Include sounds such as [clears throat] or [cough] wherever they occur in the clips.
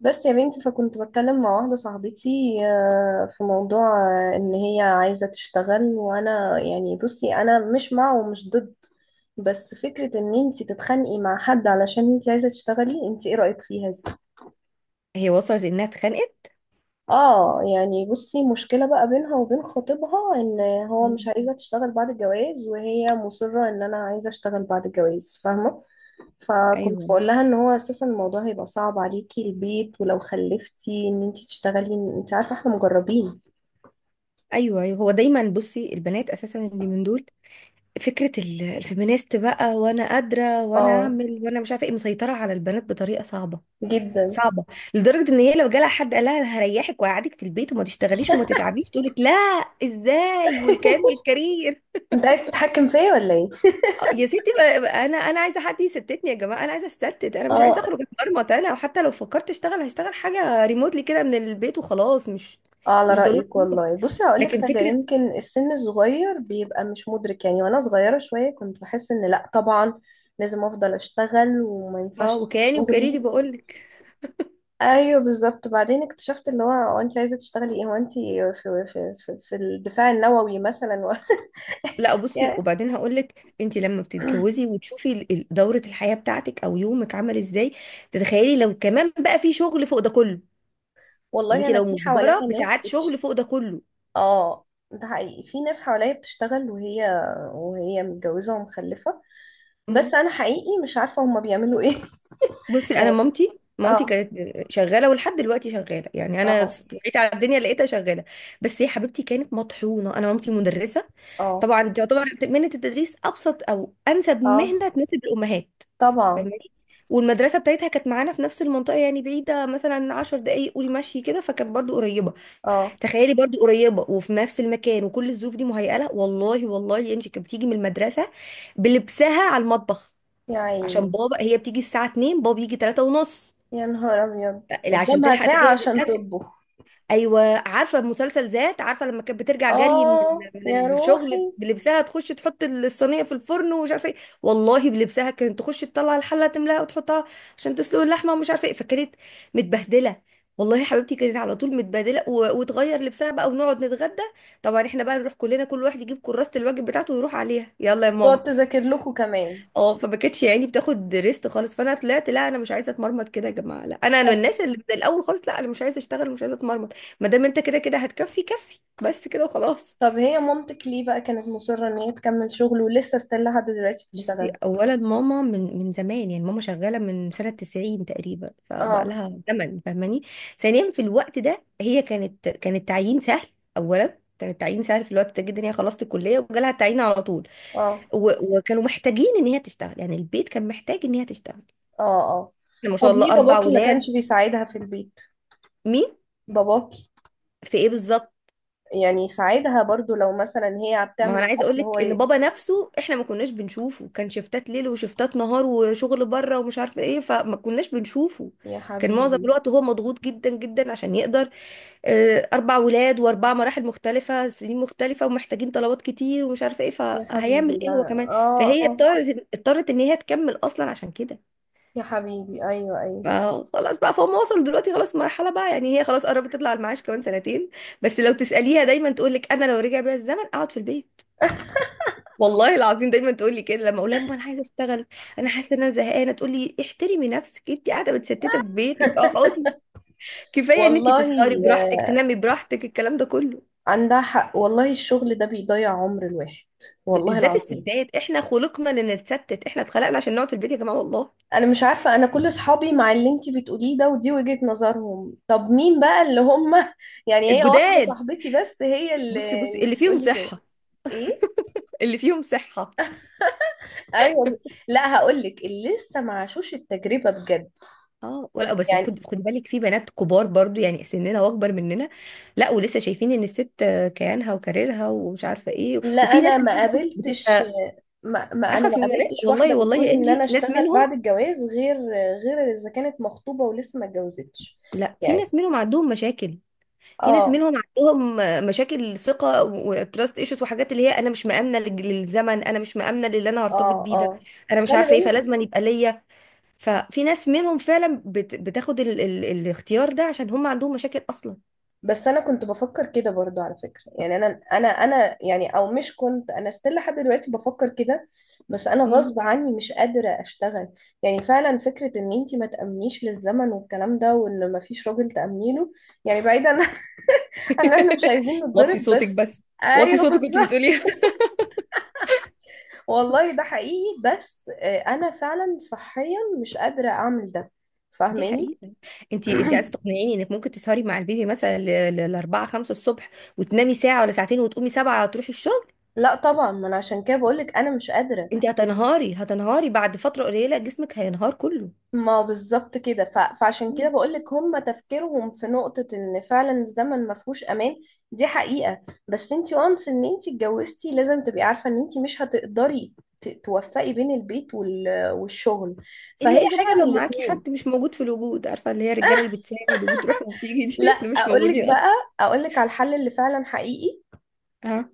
بس يا بنتي، فكنت بتكلم مع واحدة صاحبتي في موضوع، ان هي عايزة تشتغل. وانا يعني بصي، انا مش مع ومش ضد، بس فكرة ان انتي تتخانقي مع حد علشان انتي عايزة تشتغلي، انتي ايه رأيك فيها دي؟ هي وصلت انها اتخانقت. اه، يعني بصي، مشكلة بقى بينها وبين خطيبها ان هو مش مم. عايزة تشتغل بعد الجواز، وهي مصرة ان انا عايزة اشتغل بعد الجواز. فاهمة؟ فكنت ايوه، بقول لها ان هو اساسا الموضوع هيبقى صعب عليكي، البيت، ولو خلفتي، ان انتي تشتغلي، انت عارفه احنا مجربين. ايوه، ايوه، هو دايما. بصي، البنات اساسا اللي من دول فكره الفيمينيست بقى، وانا قادره وانا اه، اعمل وانا مش عارفه ايه، مسيطره على البنات بطريقه صعبه، جدا. صعبه، لدرجه ان هي لو جالها حد قال لها "أنا هريحك وهقعدك في البيت وما تشتغليش وما تتعبيش" تقول لك لا، ازاي والكيان [laughs] والكارير؟ انت عايز تتحكم فيا ولا ايه؟ يا ستي، بقى انا عايزه حد يستتني. يا جماعه، انا عايزه استتت، انا مش عايزه اه، اخرج اتمرمط انا، وحتى لو فكرت اشتغل هشتغل حاجه ريموتلي كده من البيت وخلاص، مش اه، على مش ضروري رايك والله. بصي هقول لك لكن حاجه، فكره. يمكن السن الصغير بيبقى مش مدرك يعني. وانا صغيره شويه كنت بحس ان، لا طبعا لازم افضل اشتغل وما اه، ينفعش اسيب وكياني وكاريري شغلي. بقول لك. ايوه بالظبط. بعدين اكتشفت اللي هو انت عايزه تشتغلي ايه؟ هو انت في في الدفاع النووي مثلا و... لا [laughs] بصي، يعني، وبعدين هقول لك، انت لما بتتجوزي وتشوفي دوره الحياه بتاعتك او يومك عامل ازاي، تتخيلي لو كمان بقى في شغل فوق ده كله؟ يعني والله انت انا لو في مجبره حواليا ناس بساعات شغل فوق ده كله. اه، ده حقيقي، في ناس حواليا بتشتغل وهي متجوزة ومخلفة. بس مم. انا حقيقي مش عارفة هما بيعملوا ايه. [laughs] بصي، انا يعني، مامتي اه، كانت شغاله ولحد دلوقتي شغاله، يعني انا اه، وعيت على الدنيا لقيتها شغاله. بس يا حبيبتي كانت مطحونه. انا مامتي مدرسه، اه، طبعا تعتبر مهنه التدريس ابسط او انسب اه، مهنه تناسب الامهات، طبعا. فاهماني؟ والمدرسة بتاعتها كانت معانا في نفس المنطقة، يعني بعيدة مثلا 10 دقايق، قولي مشي كده، فكانت برضو قريبة. اه، تخيلي، برضو قريبة وفي نفس المكان وكل الظروف دي مهيئة لها، والله والله، انت كانت بتيجي من المدرسة بلبسها على المطبخ يا عشان عيني. بابا، هي بتيجي الساعة 2، بابا بيجي 3 ونص، يا نهار ابيض، عشان قدامها تلحق تجهز ساعة عشان الأكل. تطبخ. ايوه. عارفه المسلسل "ذات"؟ عارفه لما كانت بترجع جري من اه، يا من الشغل روحي. بلبسها تخش تحط الصينيه في الفرن ومش عارفه ايه؟ والله بلبسها كانت تخش تطلع الحله تملاها وتحطها عشان تسلق اللحمه ومش عارفه ايه، فكانت متبهدله. والله حبيبتي كانت على طول متبهدله وتغير لبسها بقى ونقعد نتغدى. طبعا احنا بقى نروح كلنا، كل واحد يجيب كراسه الواجب بتاعته ويروح عليها "يلا يا تقعد ماما". تذاكر لكم كمان. اه، فما كانتش يعني بتاخد ريست خالص. فانا طلعت لا لا، انا مش عايزه اتمرمط كده يا جماعه. لا، انا من طب، الناس اللي من الاول خالص، لا انا مش عايزه اشتغل، مش عايزه اتمرمط. ما دام انت كده كده هتكفي، كفي بس كده وخلاص. هي مامتك ليه بقى كانت مصرة ان هي تكمل شغل ولسه ستيل لحد دلوقتي بصي، بتشتغل؟ اولا ماما من زمان، يعني ماما شغاله من سنه 90 تقريبا، فبقى اه، لها زمن، فاهماني؟ ثانيا في الوقت ده هي كانت، كان التعيين سهل. اولا كان التعيين سهل في الوقت ده جدا، هي خلصت الكليه وجالها التعيين على طول، اه، وكانوا محتاجين ان هي تشتغل. يعني البيت كان محتاج ان هي تشتغل، اه، اه. إحنا ما شاء طب الله ليه اربع باباكي ما ولاد. كانش بيساعدها في البيت؟ مين؟ باباكي، في ايه بالظبط؟ يعني يساعدها برضو، لو مثلا هي ما بتعمل هو انا عايزه اقول الاكل هو لك ان بابا نفسه احنا ما كناش بنشوفه، كان شفتات ليل وشفتات نهار وشغل بره ومش عارفه ايه، فما كناش بنشوفه. يا كان معظم حبيبي. الوقت هو مضغوط جدا جدا عشان يقدر، اربع ولاد واربع مراحل مختلفه، سنين مختلفه ومحتاجين طلبات كتير ومش عارفه ايه، يا فهيعمل حبيبي، ايه هو لا. كمان؟ اه، فهي اه، اضطرت ان هي تكمل اصلا عشان كده. يا حبيبي، ايوه، ايوه. فخلاص بقى فهم، وصلوا دلوقتي خلاص مرحله، بقى يعني هي خلاص قربت تطلع على المعاش كمان سنتين. بس لو تساليها دايما تقول لك "انا لو رجع بيا الزمن اقعد في البيت". والله العظيم دايما تقول لي كده، لما اقول لها "يا ماما انا عايزه اشتغل، انا حاسه ان انا زهقانه" تقول لي "احترمي نفسك، انت قاعده متستته في بيتك، اقعدي، كفايه ان انت والله تسهري براحتك، آه، تنامي براحتك الكلام ده كله". عندها حق والله، الشغل ده بيضيع عمر الواحد. والله بالذات العظيم. الستات، احنا خلقنا لنتستت، احنا اتخلقنا عشان نقعد في البيت يا جماعه والله. انا مش عارفه، انا كل اصحابي مع اللي انتي بتقوليه ده، ودي وجهة نظرهم. طب مين بقى اللي هم؟ [laughs] يعني، هي واحده الجداد، صاحبتي بس هي بصي اللي بصي اللي اللي فيهم بتقولي كده. صحه، ايه؟ اللي فيهم صحه. ايوه. لا هقول لك، اللي لسه ما عاشوش التجربه بجد، اه ولا بس، يعني. خد بالك، في بنات كبار برضو يعني سننا واكبر مننا، لا ولسه شايفين ان الست كيانها وكاريرها ومش عارفه ايه، لا، وفي انا ناس ما منهم. قابلتش. ما انا عارفه ما في قابلتش واحده والله والله بتقول يا ان انا انجي ناس اشتغل منهم. بعد الجواز، غير، غير اذا كانت مخطوبه ولسه ما اتجوزتش. لا في يعني، ناس منهم عندهم مشاكل، في ناس اه، منهم عندهم مشاكل ثقه وتراست ايشوز وحاجات، اللي هي انا مش مامنه للزمن، انا مش مامنه للي انا هرتبط اه، بيه ده، اه. انا مش خلي عارفه ايه، بالك. فلازم يبقى ليا. ففي ناس منهم فعلا بتاخد الاختيار ده عشان هم عندهم مشاكل اصلا. بس انا كنت بفكر كده برضو، على فكرة يعني، انا، انا يعني، او مش كنت انا، استيل لحد دلوقتي بفكر كده، بس انا مم. غصب عني مش قادرة اشتغل. يعني فعلا فكرة ان انتي ما تأمنيش للزمن والكلام ده، وان ما فيش راجل تأمني له، يعني بعيدا [laughs] عن ان احنا مش عايزين وطي نتضرب صوتك بس. بس، وطي ايوه صوتك كنت بالظبط. بتقوليها [laughs] [laughs] والله ده حقيقي. بس انا فعلا صحيا مش قادرة اعمل ده. دي فاهماني؟ حقيقة. انت عايزة [clears throat] تقنعيني انك ممكن تسهري مع البيبي مثلا لأربعة خمسة الصبح وتنامي ساعة ولا ساعتين وتقومي سبعة تروحي الشغل؟ لا طبعا، ما انا عشان كده بقولك انا مش قادرة. انت هتنهاري، هتنهاري بعد فترة قليلة، جسمك هينهار كله. ما بالظبط كده، فعشان كده مم. بقولك، هم تفكيرهم في نقطة ان فعلا الزمن ما فيهوش امان. دي حقيقة. بس انتي، وانس ان انتي اتجوزتي لازم تبقي عارفة ان انتي مش هتقدري توفقي بين البيت والشغل، الا فهي اذا حاجة بقى من لو معاكي الاتنين. حد مش موجود في الوجود، عارفة اللي هي الرجالة اللي بتساعد وبتروح وبتيجي لا دي [laughs] ده مش اقولك موجودين اصلا. بقى، اقولك على الحل اللي فعلا حقيقي، اه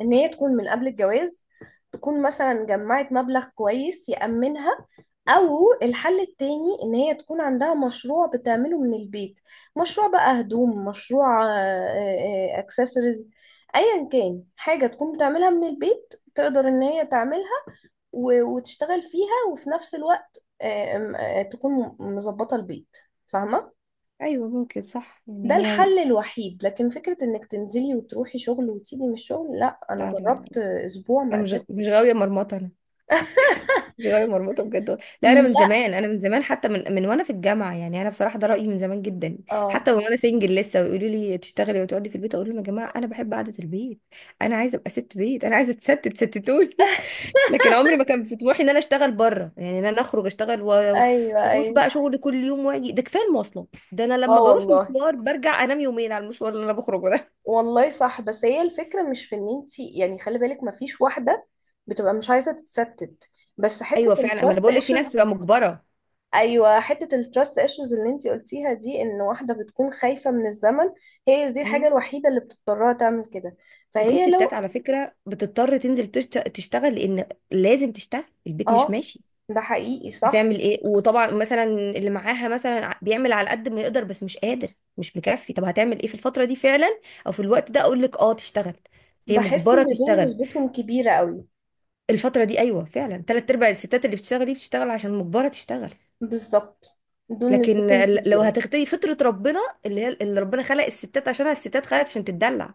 ان هي تكون من قبل الجواز تكون مثلا جمعت مبلغ كويس يأمنها، او الحل التاني ان هي تكون عندها مشروع بتعمله من البيت. مشروع بقى هدوم، مشروع اكسسوارز، ايا كان، حاجة تكون بتعملها من البيت تقدر ان هي تعملها وتشتغل فيها، وفي نفس الوقت آه، آم، آه، تكون مظبطة البيت. فاهمة؟ ايوه ممكن صح، ده يعني هي الحل الوحيد. لكن فكرة انك تنزلي وتروحي شغل وتيجي من الشغل، لا، انا لا لا لا، جربت اسبوع ما انا مش غاوية قدرتش. مرمطة انا، [laughs] مش غاوية مرمطة بجد والله. لا، انا من لا، زمان، انا من زمان، حتى من وانا في الجامعة، يعني انا بصراحة ده رأيي من زمان جدا. اه، حتى وانا سنجل لسه ويقولوا لي تشتغلي وتقعدي في البيت، اقول لهم "يا جماعة انا بحب قعدة البيت، انا عايزة ابقى ست بيت، انا عايزة اتستت، ستتوني" [laughs] لكن عمري ما كان في طموحي ان انا اشتغل بره، يعني ان انا اخرج اشتغل ايوه، واروح ايوه. بقى شغل كل يوم واجي، ده كفايه المواصلات، ده انا اه لما بروح والله. مشوار برجع انام يومين على المشوار اللي انا بخرجه ده. والله صح. بس هي الفكره مش في ان انت يعني، خلي بالك ما فيش واحده بتبقى مش عايزه تتستت، بس [laughs] حته ايوه فعلا. اما انا التراست بقول لك في ناس ايشوز. بتبقى مجبره. ايوه، حته التراست ايشوز اللي انت قلتيها دي، ان واحده بتكون خايفه من الزمن، هي دي الحاجه أمم. الوحيده اللي بتضطرها تعمل كده. وفي فهي ستات لو، على فكره بتضطر تنزل تشتغل، لان لازم تشتغل، البيت مش اه، ماشي، ده حقيقي صح. هتعمل ايه؟ وطبعا مثلا اللي معاها مثلا بيعمل على قد ما يقدر بس مش قادر، مش مكفي، طب هتعمل ايه في الفتره دي فعلا؟ او في الوقت ده اقول لك اه تشتغل، هي بحس مجبره ان دول تشتغل. نسبتهم كبيرة قوي. الفترة دي أيوة فعلا، تلات أرباع الستات اللي بتشتغل دي بتشتغل عشان مجبرة تشتغل. بالظبط، دول لكن نسبتهم لو كبيرة. هتغتدي فطرة ربنا، اللي هي اللي ربنا خلق الستات عشانها، الستات خلقت عشان تتدلع،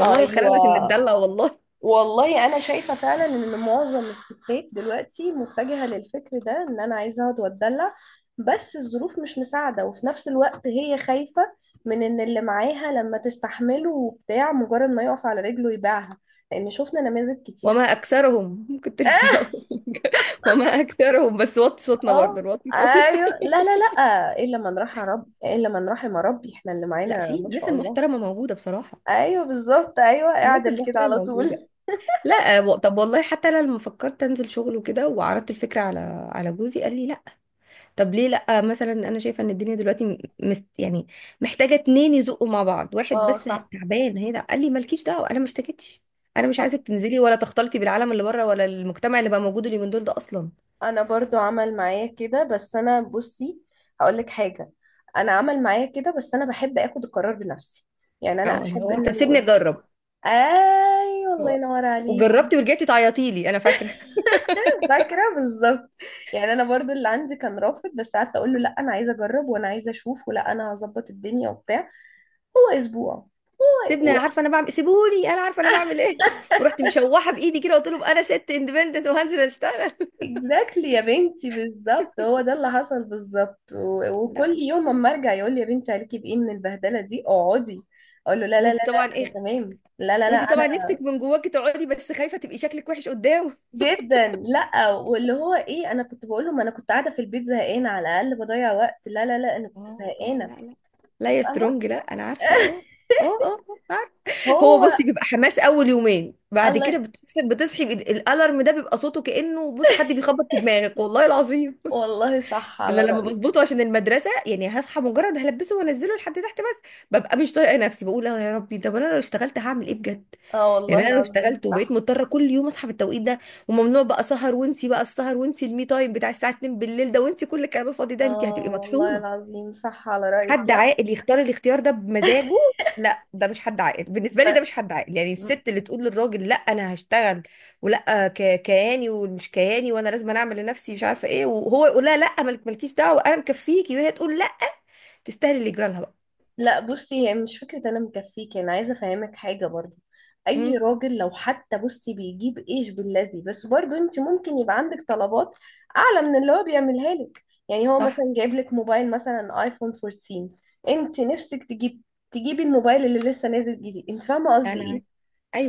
اتخلقنا عشان ايوه. نتدلع والله. والله انا شايفة فعلا ان معظم الستات دلوقتي متجهة للفكر ده، ان انا عايزة اقعد واتدلع، بس الظروف مش مساعدة، وفي نفس الوقت هي خايفة من ان اللي معاها لما تستحمله وبتاع، مجرد ما يقف على رجله يبيعها، لان شفنا نماذج كتير. وما أكثرهم كنت لسه اه، هقول لك. [laughs] وما أكثرهم، بس وطي صوتنا برضه، آه! نوطي صوتنا. ايوه، لا، لا، لا، الا من رحم رب، الا من رحم ربي، احنا اللي لا، معانا في ما الناس شاء الله. المحترمة موجودة بصراحة، ايوه بالظبط، ايوه، الناس اعدل كده المحترمة على طول. موجودة. لا، طب والله حتى أنا لما فكرت أنزل شغل وكده وعرضت الفكرة على على جوزي قال لي لا. طب ليه لأ؟ مثلا أنا شايفة إن الدنيا دلوقتي مست يعني، محتاجة اتنين يزقوا مع بعض، واحد اه، بس صح، تعبان هي. ده قال لي مالكيش دعوة، أنا ما اشتكيتش، أنا مش صح. عايزك تنزلي ولا تختلطي بالعالم اللي بره ولا المجتمع اللي بقى موجود اليومين دول ده أصلا". انا برضو عمل معايا كده، بس انا بصي هقولك حاجه، انا عمل معايا كده بس انا بحب اخد القرار بنفسي. يعني انا اه، اللي احب هو ان طب اللي سيبني قدام، أجرب. ايوه. الله هو- ينور عليكي. وجربتي ورجعتي تعيطي لي، أنا فاكرة [laughs] [laughs] فاكره بالظبط. يعني انا برضو اللي عندي كان رافض، بس قعدت اقول له، لا انا عايزه اجرب، وانا عايزه اشوف، ولا انا هظبط الدنيا وبتاع. هو اسبوع. سيبني أنا عارفة أنا بعمل، سيبوني أنا عارفة أنا بعمل إيه [laughs] ورحت مشوحة بإيدي كده، قلت لهم أنا ست اندبندنت وهنزل أشتغل اكزاكتلي يا بنتي، بالظبط هو ده اللي حصل بالظبط. [laughs] لا وكل بصي، يوم اما ارجع يقول لي، يا بنتي عليكي بايه من البهدله دي، اقعدي. اقول له، لا لا لا وأنت لا، طبعا انا إيه، تمام، لا لا لا، وأنت انا طبعا نفسك من جواكي تقعدي بس خايفة تبقي شكلك وحش قدام. جدا، لا. واللي هو ايه، انا كنت بقول له، ما انا كنت قاعده في البيت زهقانه، على الاقل بضيع وقت. لا لا لا، انا كنت اه اه، لا زهقانه. لا، لا يا فاهمه. سترونج، لا انا عارفه. اه [laughs] اه اه، عارفة. هو، هو، بصي، بيبقى حماس اول يومين، بعد كده الله. بتصحي الالارم ده بيبقى صوته كانه بصي حد بيخبط في دماغك والله العظيم. والله صح على ده لما بظبطه رايك. عشان المدرسه يعني هصحى مجرد هلبسه وانزله لحد تحت بس، ببقى مش طايقه نفسي، بقول "اه يا ربي، طب انا لو اشتغلت هعمل ايه بجد؟". اه، والله يعني انا لو اشتغلت العظيم وبقيت صح. مضطره كل يوم اصحى في التوقيت ده، وممنوع بقى سهر، وانسي بقى السهر، وانسي المي تايم بتاع الساعه 2 بالليل ده، وانسي كل الكلام الفاضي ده، انت اه، هتبقي والله مطحونه. العظيم صح على رايك. حد لا، عاقل يختار الاختيار ده بمزاجه؟ لا، ده مش حد عاقل بالنسبه لي، ده مش حد عاقل. يعني ما الست اللي تقول للراجل "لا انا هشتغل" ولا كياني ومش كياني، وانا لازم أنا اعمل لنفسي مش عارفه ايه، وهو يقول لها لا مالك مالكيش دعوه انا مكفيكي، وهي تقول لا، تستاهلي اللي يجرى لها بقى. لا، بصي هي مش فكرة انا مكفيك، انا عايزة افهمك حاجة برضو، اي امم، راجل لو حتى بصي بيجيب ايش باللذي، بس برضو انت ممكن يبقى عندك طلبات اعلى من اللي هو بيعملها لك. يعني هو صح. مثلا جايب لك موبايل مثلا ايفون 14، انت نفسك تجيب، تجيبي الموبايل اللي لسه نازل جديد. انت فاهمة قصدي ايه؟ انا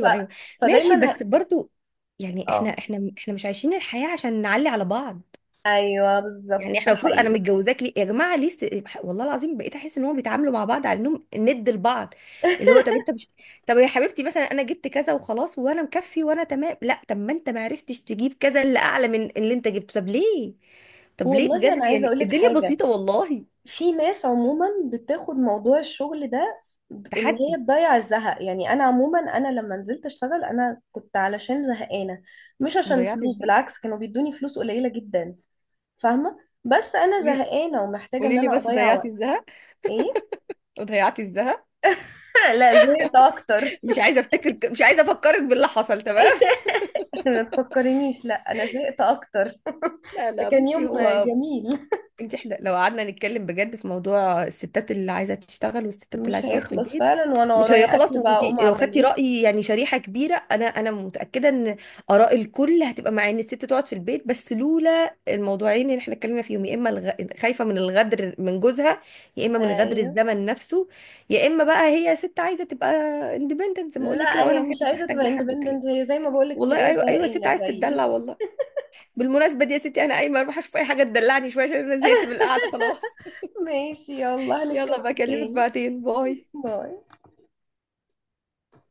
ف... ايوه، ماشي فدايما بس ه... برضو، يعني احنا اه، احنا احنا مش عايشين الحياة عشان نعلي على بعض. ايوه يعني بالظبط، ده احنا المفروض، انا حقيقي. متجوزاك ليه يا جماعه؟ ليه والله العظيم بقيت احس ان هم بيتعاملوا مع بعض على انهم ند لبعض. اللي هو [laughs] طب انت مش، طب يا حبيبتي مثلا انا جبت كذا وخلاص وانا مكفي وانا تمام، لا طب ما انت ما عرفتش تجيب كذا اللي اعلى من اللي انت جبته، طب ليه؟ طب ليه والله انا بجد؟ عايزه يعني اقول لك الدنيا حاجه، بسيطه والله. في ناس عموما بتاخد موضوع الشغل ده ان هي تحدي، تضيع الزهق. يعني انا عموما، انا لما نزلت اشتغل انا كنت علشان زهقانه، مش عشان ضيعتي فلوس، الذهب. بالعكس كانوا بيدوني فلوس قليله جدا. فاهمه، بس انا قولي زهقانه ومحتاجه ان قولي لي انا بس، اضيع ضيعتي وقت. الذهب، ايه؟ وضيعتي الذهب. [laughs] لا، زهقت اكتر. مش عايزه افتكر، مش عايزه افكرك باللي حصل، تمام؟ [laughs] ما تفكرنيش، لا انا زهقت اكتر. لا ده لا كان يوم بصي، هو جميل. احنا لو قعدنا نتكلم بجد في موضوع الستات اللي عايزه تشتغل والستات اللي مش عايزه تقعد في هيخلص البيت فعلا، وانا مش ورايا هيخلص. اكل بقى وانت اقوم لو خدتي اعمله. راي يعني شريحه كبيره، انا متاكده ان اراء الكل هتبقى مع ان الست تقعد في البيت، بس لولا الموضوعين اللي احنا اتكلمنا فيهم، يا اما خايفه من الغدر من جوزها، يا اما من غدر ايوه. الزمن نفسه، يا اما بقى هي ست عايزه تبقى اندبندنت زي ما اقول لك لا كده، وانا هي ما مش حدش عايزه هحتاج تبقى لحد وكلام. اندبندنت، هي زي ما بقولك والله تلاقيها ايوه ايوه، ست زهقانه عايزه تتدلع زيي. والله. بالمناسبة دي يا ستي، أنا قايمة أروح أشوف أي حاجة تدلعني شوية عشان أنا زهقت من القعدة [laughs] خلاص. ماشي، يلا [laughs] يلا هنتكلم بكلمك تاني. بعدين، باي. باي.